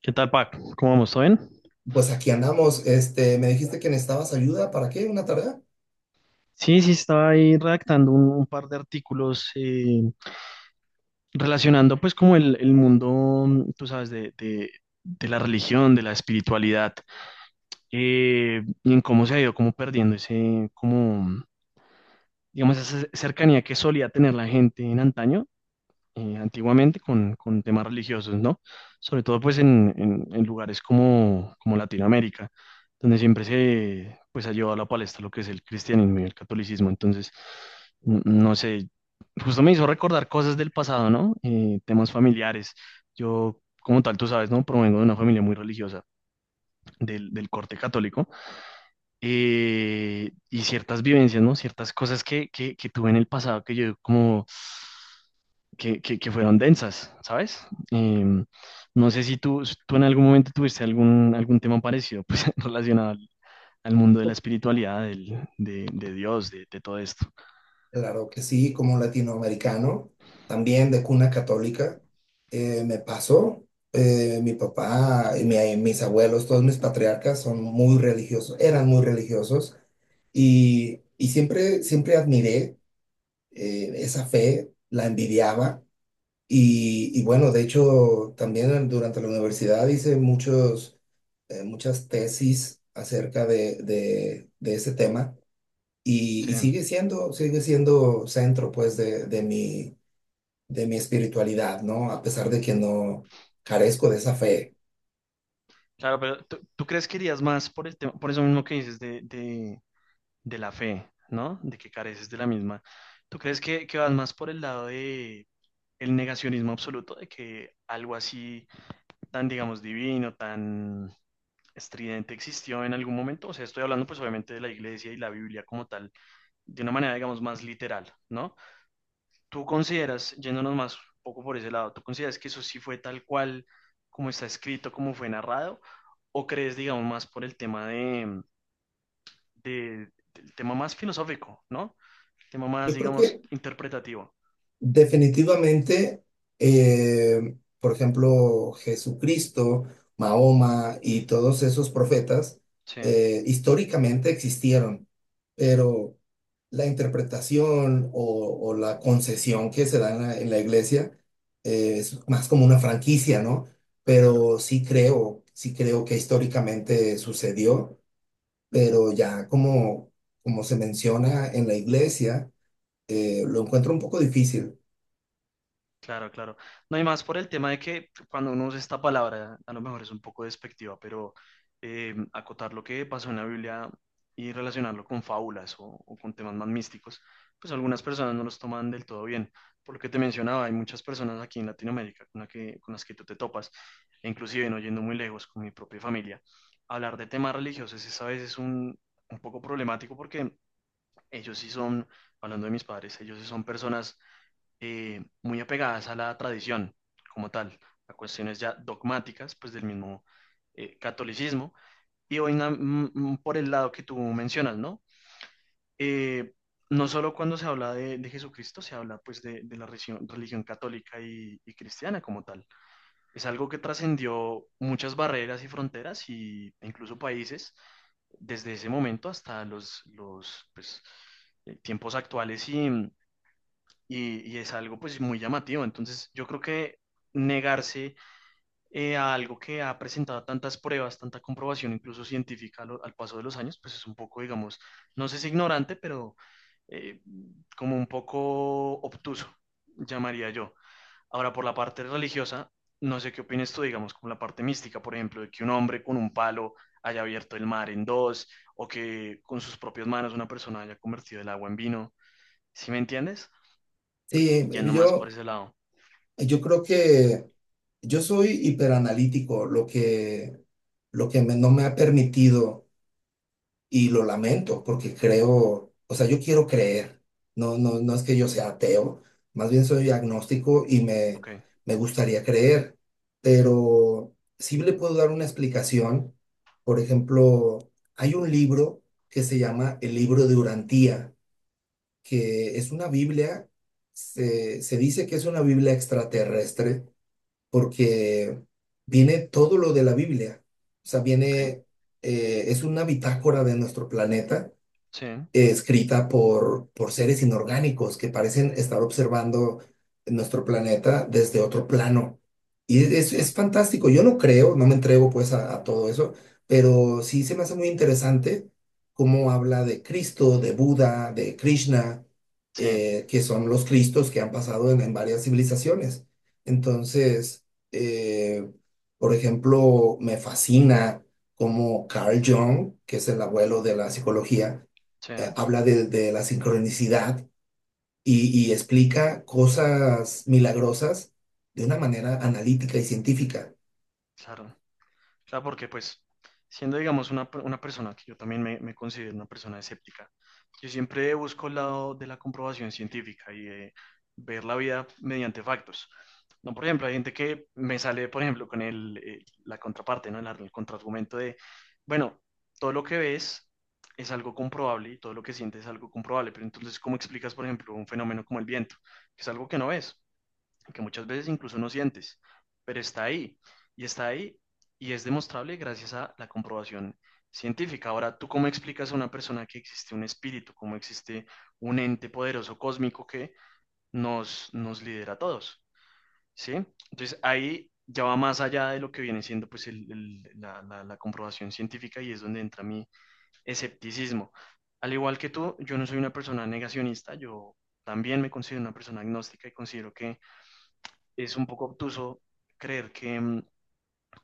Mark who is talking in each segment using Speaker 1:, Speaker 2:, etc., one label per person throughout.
Speaker 1: ¿Qué tal, Pac? ¿Cómo vamos? ¿Todo bien?
Speaker 2: Pues aquí andamos. Me dijiste que necesitabas ayuda. ¿Para qué? ¿Una tarea?
Speaker 1: Sí, sí, estaba ahí redactando un par de artículos relacionando pues como el mundo, mm, tú sabes, de la religión, de la espiritualidad, y en cómo se ha ido como perdiendo ese, como, digamos, esa cercanía que solía tener la gente en antaño, antiguamente con temas religiosos, ¿no? Sobre todo pues en, en lugares como, como Latinoamérica, donde siempre se pues ha llevado a la palestra lo que es el cristianismo y el catolicismo. Entonces, no sé, justo me hizo recordar cosas del pasado, ¿no? Temas familiares. Yo, como tal, tú sabes, ¿no? Provengo de una familia muy religiosa, del corte católico, y ciertas vivencias, ¿no? Ciertas cosas que tuve en el pasado que yo como que fueron densas, ¿sabes? Em, no sé si tú, tú en algún momento tuviste algún, algún tema parecido, pues relacionado al, al mundo de la espiritualidad, de Dios, de todo esto.
Speaker 2: Claro que sí, como latinoamericano, también de cuna católica. Me pasó. Mi papá y mis abuelos, todos mis patriarcas son muy religiosos, eran muy religiosos y siempre, siempre admiré esa fe, la envidiaba. Y bueno, de hecho, también durante la universidad hice muchas tesis acerca de ese tema y,
Speaker 1: Sí.
Speaker 2: y sigue siendo centro pues de mi espiritualidad, ¿no? A pesar de que no carezco de esa fe.
Speaker 1: Claro, pero tú crees que irías más por el tema, por eso mismo que dices de la fe, ¿no? De que careces de la misma. ¿Tú crees que vas más por el lado de el negacionismo absoluto, de que algo así tan, digamos, divino, tan estridente existió en algún momento? O sea, estoy hablando pues obviamente de la iglesia y la Biblia como tal, de una manera, digamos, más literal, ¿no? ¿Tú consideras, yéndonos más un poco por ese lado, tú consideras que eso sí fue tal cual como está escrito, como fue narrado? ¿O crees, digamos, más por el tema de, del tema más filosófico, ¿no? El tema más,
Speaker 2: Yo creo
Speaker 1: digamos,
Speaker 2: que
Speaker 1: interpretativo.
Speaker 2: definitivamente, por ejemplo, Jesucristo, Mahoma y todos esos profetas
Speaker 1: Sí,
Speaker 2: históricamente existieron, pero la interpretación o la concesión que se da en en la iglesia es más como una franquicia, ¿no?
Speaker 1: claro.
Speaker 2: Pero sí creo que históricamente sucedió, pero ya como, como se menciona en la iglesia, lo encuentro un poco difícil.
Speaker 1: Claro, claro. No hay más por el tema de que cuando uno usa esta palabra, a lo mejor es un poco despectiva, pero acotar lo que pasó en la Biblia y relacionarlo con fábulas o con temas más místicos, pues algunas personas no los toman del todo bien. Por lo que te mencionaba, hay muchas personas aquí en Latinoamérica con, con las que tú te topas, e inclusive no yendo muy lejos con mi propia familia. Hablar de temas religiosos es a veces un poco problemático porque ellos sí son, hablando de mis padres, ellos sí son personas muy apegadas a la tradición como tal, a cuestiones ya dogmáticas, pues del mismo, catolicismo. Y hoy por el lado que tú mencionas, ¿no? Eh, no solo cuando se habla de Jesucristo, se habla pues de la religión, religión católica y cristiana como tal. Es algo que trascendió muchas barreras y fronteras y, e incluso países desde ese momento hasta los pues, tiempos actuales y es algo pues muy llamativo. Entonces yo creo que negarse, a algo que ha presentado tantas pruebas, tanta comprobación incluso científica al, al paso de los años, pues es un poco, digamos, no sé si ignorante, pero eh, como un poco obtuso, llamaría yo. Ahora, por la parte religiosa, no sé qué opinas tú, digamos, con la parte mística, por ejemplo, de que un hombre con un palo haya abierto el mar en dos, o que con sus propias manos una persona haya convertido el agua en vino. ¿Sí me entiendes?
Speaker 2: Sí,
Speaker 1: Yendo más por ese lado.
Speaker 2: yo creo que yo soy hiperanalítico, lo que no me ha permitido, y lo lamento, porque creo, o sea, yo quiero creer, no, no, no es que yo sea ateo, más bien soy agnóstico
Speaker 1: Ok,
Speaker 2: me gustaría creer, pero sí le puedo dar una explicación. Por ejemplo, hay un libro que se llama El Libro de Urantía, que es una Biblia. Se dice que es una Biblia extraterrestre porque viene todo lo de la Biblia, o sea,
Speaker 1: ok.
Speaker 2: viene. Es una bitácora de nuestro planeta,
Speaker 1: Sí,
Speaker 2: escrita por seres inorgánicos que parecen estar observando nuestro planeta desde otro plano. Y
Speaker 1: sí,
Speaker 2: es fantástico. Yo no creo, no me entrego pues a todo eso, pero sí se me hace muy interesante cómo habla de Cristo, de Buda, de Krishna,
Speaker 1: sí,
Speaker 2: que son los Cristos que han pasado en varias civilizaciones. Entonces, eh, por ejemplo, me fascina cómo Carl Jung, que es el abuelo de la psicología,
Speaker 1: sí,
Speaker 2: habla de la sincronicidad y explica cosas milagrosas de una manera analítica y científica.
Speaker 1: claro. Claro, porque pues, siendo, digamos, una, una persona que yo también me considero una persona escéptica, yo siempre busco el lado de la comprobación científica y de ver la vida mediante factos. No, por ejemplo, hay gente que me sale, por ejemplo, con el, la contraparte, ¿no? El, el contraargumento de, bueno, todo lo que ves es algo comprobable y todo lo que sientes es algo comprobable, pero entonces, ¿cómo explicas, por ejemplo, un fenómeno como el viento? Que es algo que no ves, que muchas veces incluso no sientes, pero está ahí, y está ahí, y es demostrable gracias a la comprobación científica. Ahora, ¿tú cómo explicas a una persona que existe un espíritu, cómo existe un ente poderoso cósmico que nos, nos lidera a todos? ¿Sí? Entonces ahí ya va más allá de lo que viene siendo pues la, la comprobación científica, y es donde entra mi escepticismo. Al igual que tú, yo no soy una persona negacionista, yo también me considero una persona agnóstica y considero que es un poco obtuso creer que, mm,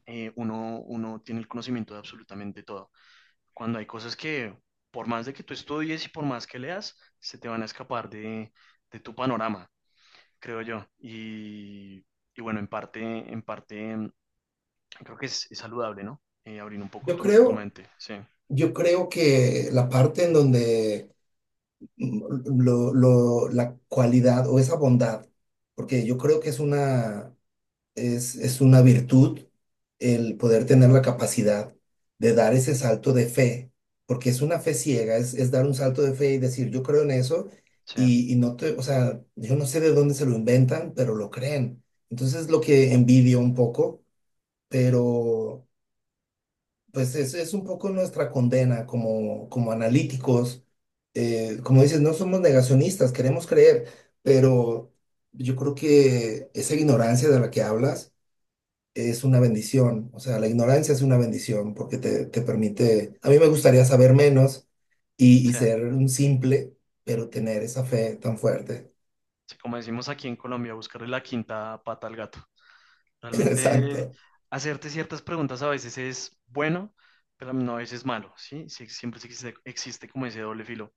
Speaker 1: eh, uno, uno tiene el conocimiento de absolutamente todo, cuando hay cosas que por más de que tú estudies y por más que leas, se te van a escapar de tu panorama, creo yo. Y bueno, en parte, en parte, creo que es saludable, ¿no? Abrir un poco
Speaker 2: Yo
Speaker 1: tu, tu
Speaker 2: creo,
Speaker 1: mente, sí,
Speaker 2: yo creo que la parte en donde mm, la cualidad o esa bondad, porque yo creo que es una virtud el poder tener la capacidad de dar ese salto de fe, porque es una fe ciega, es dar un salto de fe y decir, yo creo en eso,
Speaker 1: sí,
Speaker 2: y no te, o sea, yo no sé de dónde se lo inventan, pero lo creen. Entonces, lo que envidio un poco, pero pues es un poco nuestra condena como, como analíticos. Como dices, no somos negacionistas, queremos creer, pero yo creo que esa ignorancia de la que hablas es una bendición, o sea, la ignorancia es una bendición porque te permite, a mí me gustaría saber menos y
Speaker 1: sí.
Speaker 2: ser un simple, pero tener esa fe tan fuerte.
Speaker 1: Sí, como decimos aquí en Colombia, buscarle la quinta pata al gato. Realmente
Speaker 2: Exacto.
Speaker 1: hacerte ciertas preguntas a veces es bueno, pero no a veces es malo, ¿sí? Sí, siempre existe, existe como ese doble filo.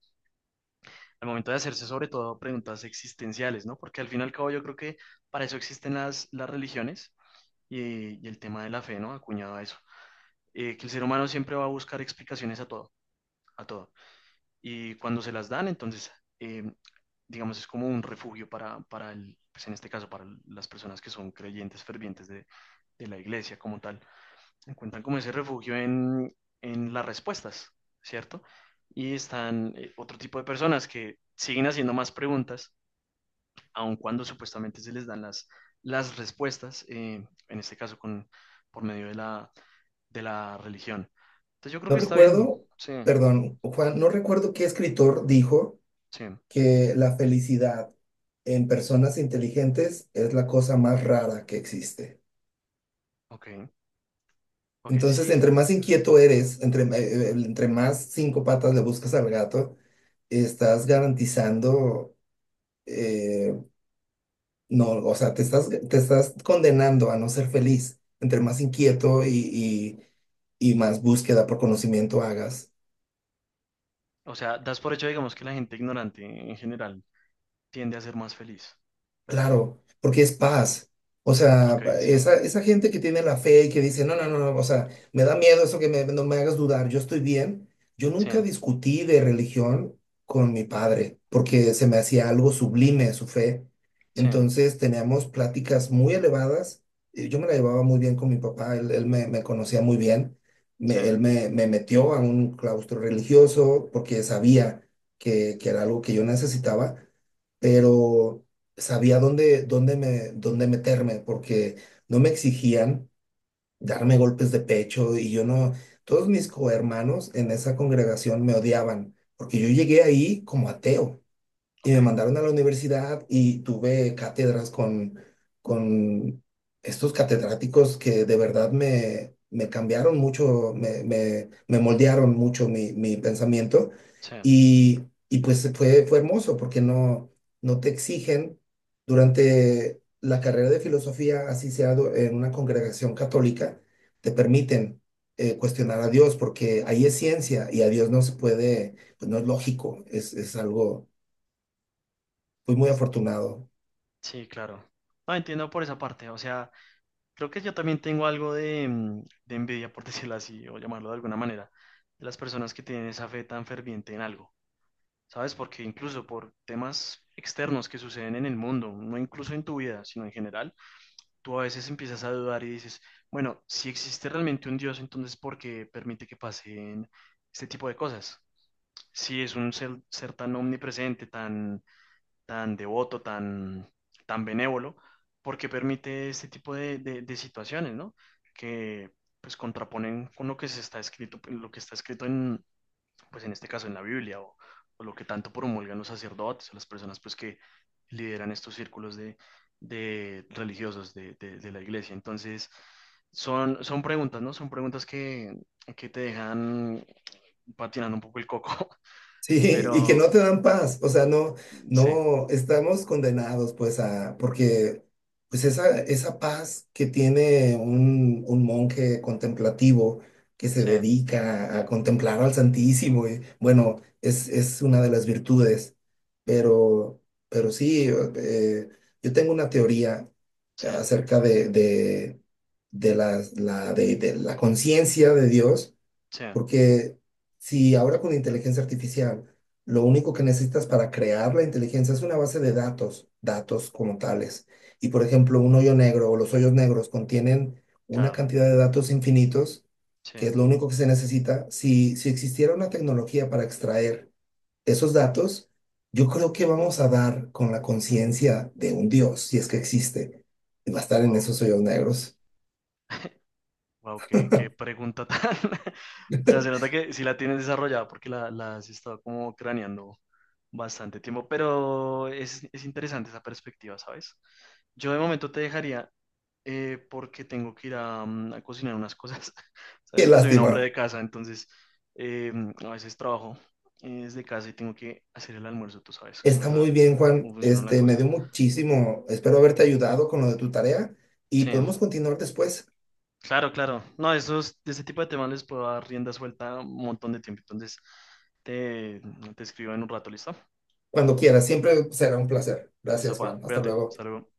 Speaker 1: Al momento de hacerse sobre todo preguntas existenciales, ¿no? Porque al fin y al cabo yo creo que para eso existen las religiones y el tema de la fe, ¿no? Acuñado a eso. Que el ser humano siempre va a buscar explicaciones a todo, a todo. Y cuando se las dan, entonces, eh, digamos, es como un refugio para el, pues en este caso, para las personas que son creyentes fervientes de la iglesia como tal. Encuentran como ese refugio en las respuestas, ¿cierto? Y están, otro tipo de personas que siguen haciendo más preguntas, aun cuando supuestamente se les dan las respuestas, en este caso con, por medio de la religión. Entonces yo creo
Speaker 2: No
Speaker 1: que está bien,
Speaker 2: recuerdo,
Speaker 1: sí,
Speaker 2: perdón, Juan, no recuerdo qué escritor dijo
Speaker 1: sí,
Speaker 2: que la felicidad en personas inteligentes es la cosa más rara que existe.
Speaker 1: ok, ok,
Speaker 2: Entonces,
Speaker 1: sí.
Speaker 2: entre más inquieto eres, entre más cinco patas le buscas al gato, estás garantizando eh, no, o sea, te estás condenando a no ser feliz. Entre más inquieto y más búsqueda por conocimiento hagas.
Speaker 1: O sea, das por hecho, digamos, que la gente ignorante en general tiende a ser más feliz.
Speaker 2: Claro, porque es paz. O sea,
Speaker 1: Ok, sí,
Speaker 2: esa gente que tiene la fe y que dice, no, no, no, no, o sea, me da miedo eso que no me hagas dudar, yo estoy bien. Yo
Speaker 1: sí,
Speaker 2: nunca discutí de religión con mi padre porque se me hacía algo sublime su fe.
Speaker 1: sí,
Speaker 2: Entonces teníamos pláticas muy elevadas. Y yo me la llevaba muy bien con mi papá, él me, me conocía muy bien.
Speaker 1: sí,
Speaker 2: Él me, me metió a un claustro religioso porque sabía que era algo que yo necesitaba, pero sabía dónde, dónde me, dónde meterme, porque no me exigían darme golpes de pecho y yo no, todos mis cohermanos en esa congregación me odiaban, porque yo llegué ahí como ateo. Y me
Speaker 1: ok,
Speaker 2: mandaron a la universidad y tuve cátedras con estos catedráticos que de verdad me, me cambiaron mucho, me moldearon mucho mi, mi pensamiento.
Speaker 1: sí.
Speaker 2: Y, y pues fue, fue hermoso porque no, no te exigen durante la carrera de filosofía, así sea en una congregación católica, te permiten cuestionar a Dios porque ahí es ciencia y a Dios no se puede, pues no es lógico, es algo. Fui muy afortunado.
Speaker 1: Sí, claro. No, entiendo por esa parte. O sea, creo que yo también tengo algo de, de envidia, por decirlo así, o llamarlo de alguna manera, de las personas que tienen esa fe tan ferviente en algo, ¿sabes? Porque incluso por temas externos que suceden en el mundo, no incluso en tu vida, sino en general, tú a veces empiezas a dudar y dices, bueno, si existe realmente un Dios, entonces ¿por qué permite que pasen este tipo de cosas? Si es un ser, ser tan omnipresente, tan tan devoto, tan, tan benévolo, porque permite este tipo de, de situaciones, ¿no? Que pues contraponen con lo que se está escrito, lo que está escrito en, pues en este caso en la Biblia, o lo que tanto promulgan los sacerdotes, o las personas pues que lideran estos círculos de religiosos de, de la iglesia. Entonces, son, son preguntas, ¿no? Son preguntas que te dejan patinando un poco el coco,
Speaker 2: Sí, y que
Speaker 1: pero
Speaker 2: no te dan paz. O sea, no,
Speaker 1: sí,
Speaker 2: no, estamos condenados, pues, a, porque, pues, esa paz que tiene un monje contemplativo que se
Speaker 1: sí,
Speaker 2: dedica a contemplar al Santísimo, y, bueno, es una de las virtudes. Pero, pero sí, eh, yo tengo una teoría
Speaker 1: sí,
Speaker 2: acerca de de la conciencia de Dios.
Speaker 1: sí,
Speaker 2: Porque si ahora con inteligencia artificial, lo único que necesitas para crear la inteligencia es una base de datos, datos como tales. Y por ejemplo, un hoyo negro o los hoyos negros contienen una
Speaker 1: claro.
Speaker 2: cantidad de datos infinitos,
Speaker 1: Sí,
Speaker 2: que es lo único que se necesita. Si, si existiera una tecnología para extraer esos datos, yo creo que vamos a dar con la conciencia de un Dios, si es que existe, y va a estar en
Speaker 1: wow,
Speaker 2: esos hoyos negros.
Speaker 1: wow, qué, qué pregunta tan. O sea, se nota que sí la tienes desarrollada porque la has estado como craneando bastante tiempo, pero es interesante esa perspectiva, ¿sabes? Yo de momento te dejaría, porque tengo que ir a, a cocinar unas cosas.
Speaker 2: Qué
Speaker 1: Sabes que soy un hombre
Speaker 2: lástima.
Speaker 1: de casa, entonces eh, a veces trabajo, desde casa y tengo que hacer el almuerzo, tú sabes cómo es
Speaker 2: Está
Speaker 1: la,
Speaker 2: muy bien, Juan.
Speaker 1: cómo funciona la
Speaker 2: Me
Speaker 1: cosa.
Speaker 2: dio muchísimo. Espero haberte ayudado con lo de tu tarea y
Speaker 1: Sí,
Speaker 2: podemos continuar después,
Speaker 1: claro, claro. No, esos, de ese tipo de temas les puedo dar rienda suelta un montón de tiempo. Entonces, te, te escribo en un rato, ¿listo?
Speaker 2: cuando quieras. Siempre será un placer.
Speaker 1: Listo,
Speaker 2: Gracias,
Speaker 1: pa,
Speaker 2: Juan. Hasta
Speaker 1: cuídate.
Speaker 2: luego.
Speaker 1: Hasta luego.